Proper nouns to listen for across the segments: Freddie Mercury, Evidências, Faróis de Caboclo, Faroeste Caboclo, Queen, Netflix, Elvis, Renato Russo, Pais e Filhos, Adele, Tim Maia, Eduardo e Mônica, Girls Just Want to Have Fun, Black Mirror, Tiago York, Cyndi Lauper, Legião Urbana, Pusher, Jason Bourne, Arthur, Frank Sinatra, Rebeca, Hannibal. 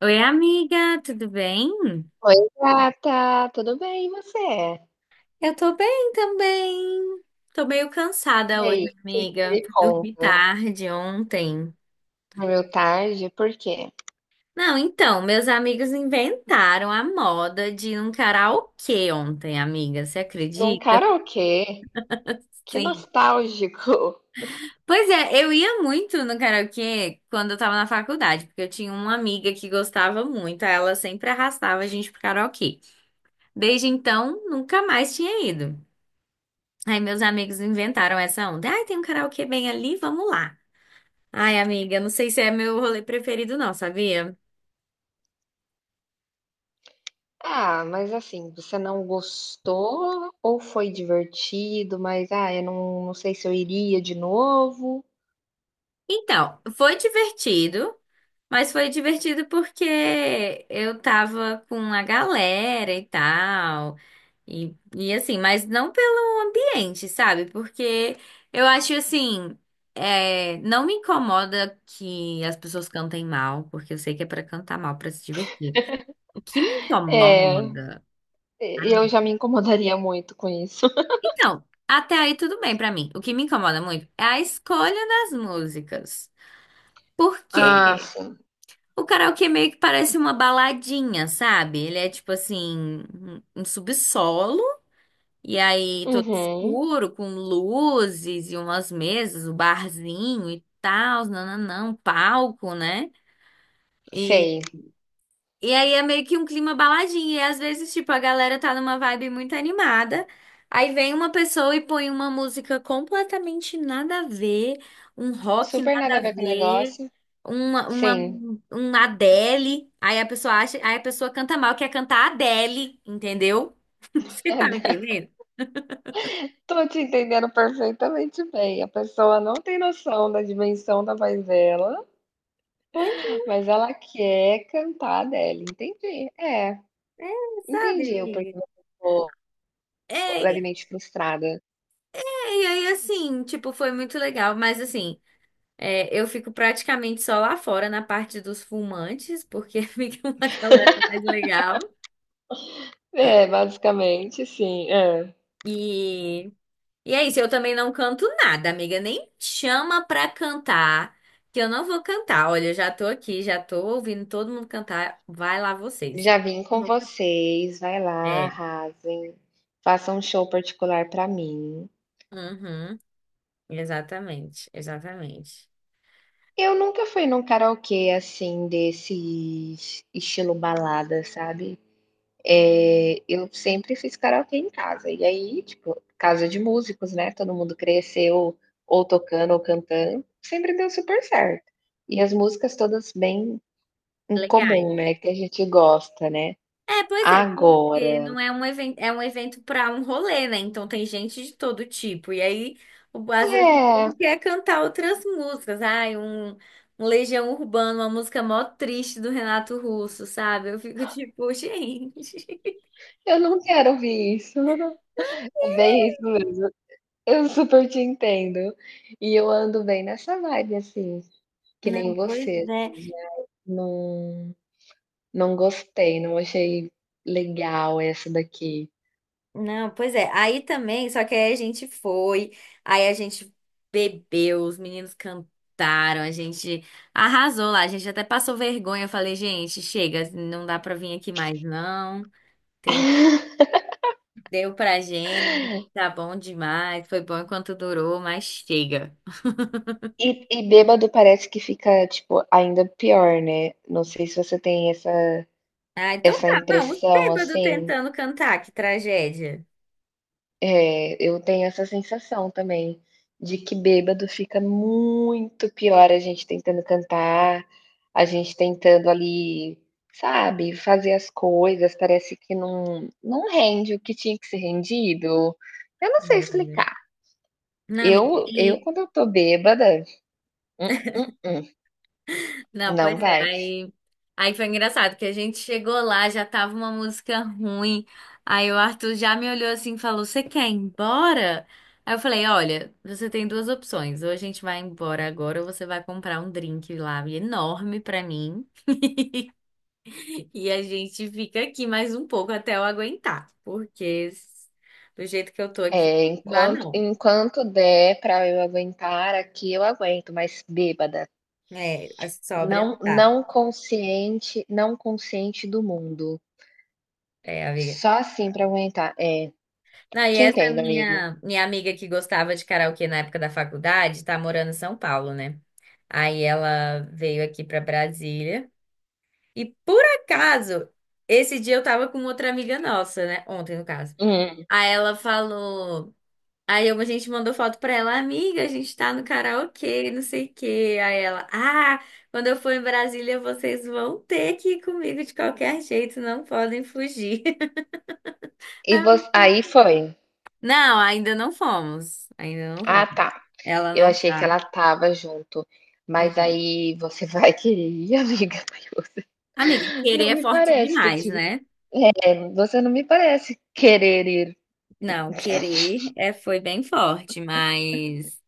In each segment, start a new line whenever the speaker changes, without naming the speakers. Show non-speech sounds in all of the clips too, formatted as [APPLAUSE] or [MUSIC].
Oi, amiga, tudo bem?
Oi, gata, tudo bem e você?
Eu tô bem também. Tô meio
E
cansada hoje,
aí, o que você
amiga.
me
Dormi
conta?
tarde ontem.
Meu tarde? Por quê?
Não, então, meus amigos inventaram a moda de ir num karaokê ontem, amiga. Você
Num
acredita?
karaokê? Que
Sim.
nostálgico! [LAUGHS]
Pois é, eu ia muito no karaokê quando eu tava na faculdade, porque eu tinha uma amiga que gostava muito, aí ela sempre arrastava a gente pro karaokê. Desde então, nunca mais tinha ido. Aí meus amigos inventaram essa onda. Ai, tem um karaokê bem ali, vamos lá. Ai, amiga, não sei se é meu rolê preferido não, sabia?
Ah, mas assim, você não gostou ou foi divertido, mas eu não sei se eu iria de novo.
Então, foi divertido, mas foi divertido porque eu tava com a galera e tal, e assim, mas não pelo ambiente, sabe? Porque eu acho assim, é, não me incomoda que as pessoas cantem mal, porque eu sei que é pra cantar mal, pra se divertir. O que me
É,
incomoda.
e eu já me incomodaria muito com isso. [LAUGHS]
Então, até aí tudo bem pra mim. O que me incomoda muito é a escolha das músicas.
Ah,
Porque
sim.
o karaokê meio que parece uma baladinha, sabe? Ele é tipo assim, um subsolo, e aí todo
Uhum.
escuro, com luzes e umas mesas, o barzinho e tal, nananã, um palco, né?
Sei.
E aí é meio que um clima baladinho. E às vezes, tipo, a galera tá numa vibe muito animada. Aí vem uma pessoa e põe uma música completamente nada a ver, um rock
Super
nada
nada
a
a ver com o
ver,
negócio.
uma, uma,
Sim.
um Adele. Aí a pessoa acha, aí a pessoa canta mal, quer cantar Adele, entendeu? [LAUGHS] Você tá me
[LAUGHS]
entendendo?
Tô te entendendo perfeitamente bem. A pessoa não tem noção da dimensão da voz dela,
Pois
mas ela quer cantar a Adele. Entendi. É,
é, sabe,
entendi o porquê
amiga?
você ficou
É, é,
levemente frustrada.
e aí assim, tipo, foi muito legal, mas assim. É, eu fico praticamente só lá fora na parte dos fumantes, porque [LAUGHS] fica uma galera mais legal.
É, basicamente sim. Hã.
E, e é isso, eu também não canto nada, amiga. Nem chama pra cantar, que eu não vou cantar. Olha, eu já tô aqui, já tô ouvindo todo mundo cantar. Vai lá vocês.
Já vim
Não
com
vou cantar.
vocês, vai lá,
É,
arrasem, façam um show particular pra mim.
uhum, exatamente, exatamente.
Eu nunca fui num karaokê, assim, desse estilo balada, sabe? Eu sempre fiz karaokê em casa, e aí, tipo, casa de músicos, né, todo mundo cresceu ou tocando ou cantando, sempre deu super certo. E as músicas todas bem em
Legal.
comum, né, que a gente gosta, né.
É, pois é, porque não
Agora
é um evento, é um evento para um rolê, né? Então tem gente de todo tipo. E aí, às vezes, o
é,
povo quer cantar outras músicas. Ai, um Legião Urbana, uma música mó triste do Renato Russo, sabe? Eu fico [LAUGHS] tipo, gente.
eu não quero ouvir isso. [LAUGHS] É bem isso mesmo. Eu super te entendo. E eu ando bem nessa vibe, assim, que nem
Não, pois
você,
é.
assim, de não não gostei, não achei legal essa daqui.
Não, pois é. Aí também, só que aí a gente foi, aí a gente bebeu, os meninos cantaram, a gente arrasou lá, a gente até passou vergonha. Eu falei, gente, chega, não dá pra vir aqui mais, não. Entendeu pra gente, tá bom demais, foi bom enquanto durou, mas chega.
E bêbado parece que fica, tipo, ainda pior, né. Não sei se você tem
Ah, então
essa
tá, não, os
impressão,
bêbados
assim.
tentando cantar, que tragédia.
É, eu tenho essa sensação também, de que bêbado fica muito pior, a gente tentando cantar, a gente tentando ali, sabe, fazer as coisas, parece que não rende o que tinha que ser rendido. Eu não sei
Sim, amiga.
explicar.
Não, amiga,
Eu
e.
eu quando eu tô bêbada, hum, hum, hum,
Não,
não
pois é,
vai.
aí foi engraçado, porque a gente chegou lá, já tava uma música ruim, aí o Arthur já me olhou assim e falou, você quer ir embora? Aí eu falei, olha, você tem duas opções, ou a gente vai embora agora, ou você vai comprar um drink lá enorme pra mim. E a gente fica aqui mais um pouco até eu aguentar, porque do jeito que eu tô aqui,
É,
não dá não.
enquanto der para eu aguentar aqui, eu aguento, mas bêbada,
É, a sóbria não
não
dá.
não consciente do mundo.
É, amiga.
Só assim para aguentar. É,
Não, e
te
essa
entendo, amiga.
minha amiga que gostava de karaokê na época da faculdade, tá morando em São Paulo, né? Aí ela veio aqui pra Brasília. E por acaso, esse dia eu tava com outra amiga nossa, né? Ontem, no caso.
Hum.
Aí ela falou. Aí a gente mandou foto pra ela, amiga, a gente tá no karaokê, não sei o quê. Aí ela, ah, quando eu for em Brasília, vocês vão ter que ir comigo de qualquer jeito, não podem fugir. [LAUGHS]
E voc aí foi.
Não, ainda não fomos, ainda não
Ah,
vamos.
tá.
Ela
Eu
não
achei que
tá,
ela tava junto, mas
não.
aí você [LAUGHS] vai querer ir, [LAUGHS] amiga? Mas
Amiga,
você
querer
não
é
me
forte
parece, tô
demais,
te
né?
é, você não me parece querer ir.
Não, querer é, foi bem forte, mas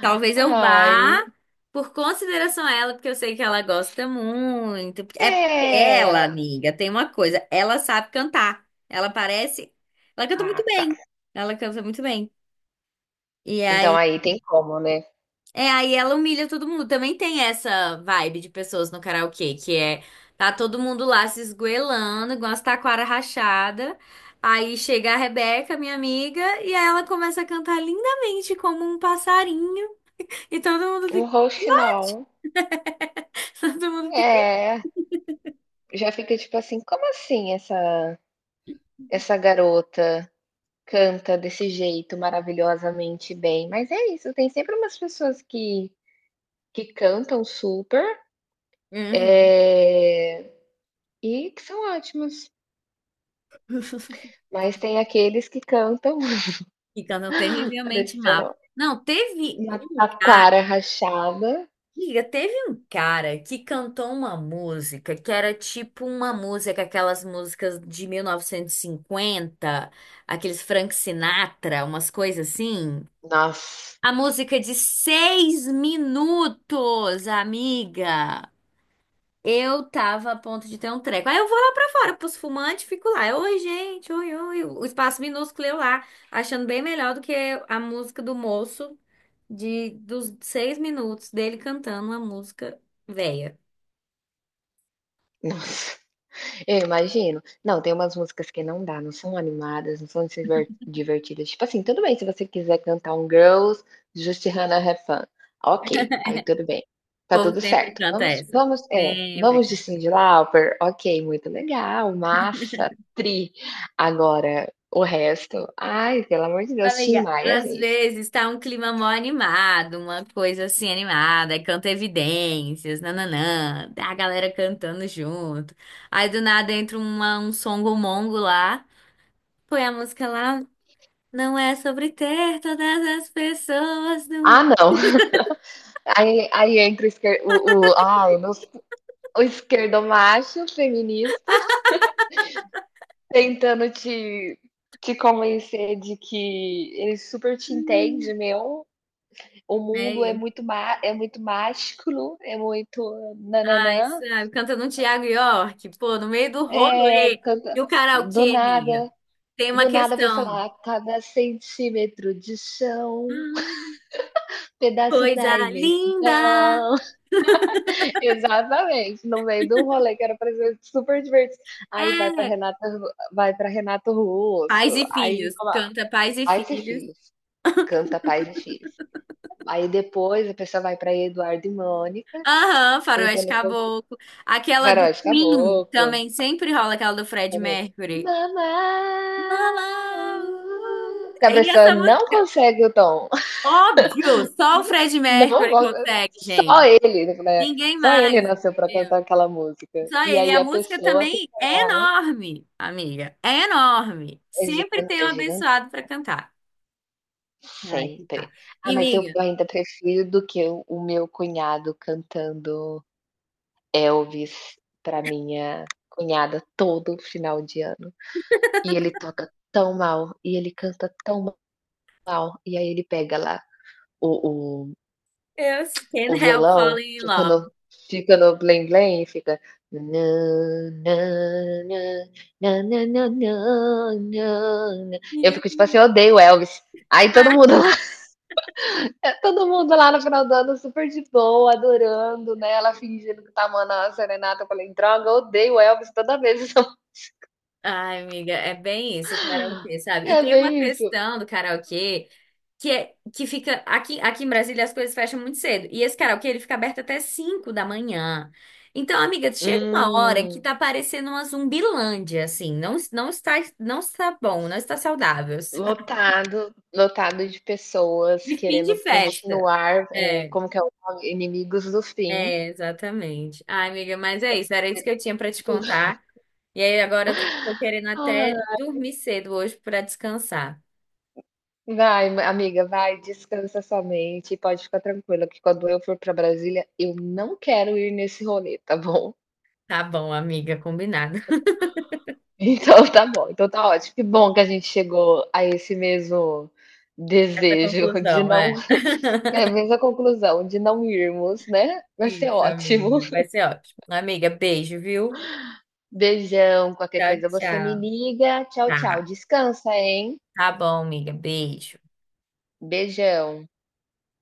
talvez eu vá
Ai,
por consideração a ela, porque eu sei que ela gosta muito. É porque ela,
é.
amiga, tem uma coisa, ela sabe cantar. Ela parece, ela canta muito
Ah, tá.
bem. Ela canta muito bem. E
Então
aí,
aí tem como, né?
é, aí ela humilha todo mundo. Também tem essa vibe de pessoas no karaokê, que é tá todo mundo lá se esgoelando, igual as taquara rachada. Aí chega a Rebeca, minha amiga, e aí ela começa a cantar lindamente como um passarinho, e todo mundo
Um
fica.
roast não.
[LAUGHS] Todo mundo fica.
É, já fica tipo assim: "Como assim essa garota canta desse jeito maravilhosamente bem?". Mas é isso, tem sempre umas pessoas que cantam super,
Uhum.
eh, e que são ótimos.
[LAUGHS]
Mas tem aqueles que cantam
Então não
[LAUGHS]
terrivelmente má.
parecendo
Não, teve
uma
um cara,
taquara rachada.
amiga, teve um cara que cantou uma música que era tipo uma música, aquelas músicas de 1950, aqueles Frank Sinatra, umas coisas assim.
Nossa,
A música de 6 minutos, amiga. Eu tava a ponto de ter um treco. Aí eu vou lá pra fora, pros fumantes, fico lá. Eu, oi, gente, oi, oi. O espaço minúsculo eu lá, achando bem melhor do que a música do moço de dos 6 minutos dele cantando uma música velha.
Nossa. Eu imagino. Não, tem umas músicas que não dá, não são animadas, não são divertidas. Tipo assim, tudo bem se você quiser cantar um Girls Just Hannah Have Fun. Ok, aí tudo bem,
O
tá
povo
tudo
sempre
certo.
canta essa.
Vamos é,
Sempre.
vamos de Cyndi Lauper, ok, muito legal, massa, tri. Agora, o resto, ai, pelo amor de Deus, Tim
Amiga,
Maia,
às
gente.
vezes tá um clima mó animado, uma coisa assim animada, aí canta Evidências, nananã, tá a galera cantando junto. Aí do nada entra um songo mongo lá, põe a música lá. Não é sobre ter todas as pessoas do
Ah,
mundo.
não. [LAUGHS] Aí entra o esquer o ai, nos o esquerdomacho feminista. Tentando te convencer de que ele super te
Hum,
entende, meu, o
É
mundo é
isso.
muito má é muito mágico, é muito nananã
Ai,
nã,
sabe, cantando um Tiago York, pô, no meio do rolê.
canta
E o
do
karaokê, amiga?
nada,
Tem uma
do nada vai, sei
questão.
lá, cada centímetro de chão,
Hum,
pedaço
coisa
da
linda!
imensidão. [LAUGHS] Exatamente, no meio do rolê que era pra ser super divertido. Aí
É,
Vai pra Renato Russo,
pais e
aí
filhos.
colo
Canta pais e
aí se
filhos.
Filhos, canta Pais e Filhos. Aí depois a pessoa vai para Eduardo e Mônica,
Aham, Faroeste
tentando conqui
Caboclo. Aquela do
Faróis de
Queen
Caboclo,
também sempre rola aquela do Fred
também.
Mercury.
Mamá,
Lá, lá, uh.
que a
E
pessoa
essa
não
música.
consegue o tom. [LAUGHS]
Óbvio, só o Fred
Não
Mercury
gosta
consegue,
só
gente.
ele, né,
Ninguém
só ele
mais.
nasceu para
Entendeu?
cantar aquela música.
Só
E
ele. E
aí
a
a
música
pessoa
também é enorme, amiga. É enorme. Sempre tem
é
um
gigante
abençoado pra cantar. Ai, que tá.
sempre.
E,
Ah, mas eu
amiga,
ainda prefiro do que o meu cunhado cantando Elvis para minha cunhada todo final de ano. E ele toca tão mal, e ele canta tão mal, e aí ele pega lá o o
eu
o
can't help
violão,
falling in
fica
love.
no blém-blém e fica nã nã nã, nã nã nã nã nã nã. Eu
Yeah.
fico tipo assim: "Eu odeio Elvis". Aí todo mundo lá [LAUGHS] todo mundo lá no final do ano super de boa, adorando, né, ela fingindo que tá amando a serenata, eu falei: "Droga, eu odeio Elvis toda vez". [LAUGHS]
Ai, amiga, é bem isso, o karaokê, sabe? E
É
tem uma
bem isso.
questão do karaokê que é que fica aqui, aqui em Brasília as coisas fecham muito cedo. E esse karaokê ele fica aberto até 5 da manhã. Então, amiga, chega uma hora que
Hum.
tá parecendo uma zumbilândia, assim, não, não está bom, não está saudável. [LAUGHS] Sabe?
Lotado, lotado de pessoas
De fim de
querendo
festa.
continuar,
É,
como que é o nome? Inimigos do fim.
é, exatamente. Ai, amiga, mas é isso, era isso que eu tinha pra te contar. E aí agora eu tô querendo até
Ah,
dormir cedo hoje pra descansar.
vai, ma- amiga, vai, descansa sua mente e pode ficar tranquila que quando eu for para Brasília, eu não quero ir nesse rolê, tá bom?
Tá bom, amiga, combinado. [LAUGHS]
[LAUGHS] Então tá bom, então tá ótimo. Que bom que a gente chegou a esse mesmo
Essa
desejo de
conclusão,
não
é.
[LAUGHS] é a mesma conclusão, de não irmos, né? Vai ser
Isso,
ótimo.
amiga. Vai ser ótimo. Amiga, beijo, viu?
Beijão, qualquer
Tchau,
coisa você me
tchau.
liga. Tchau,
Tá,
tchau. Descansa, hein?
tá bom, amiga. Beijo.
Beijão.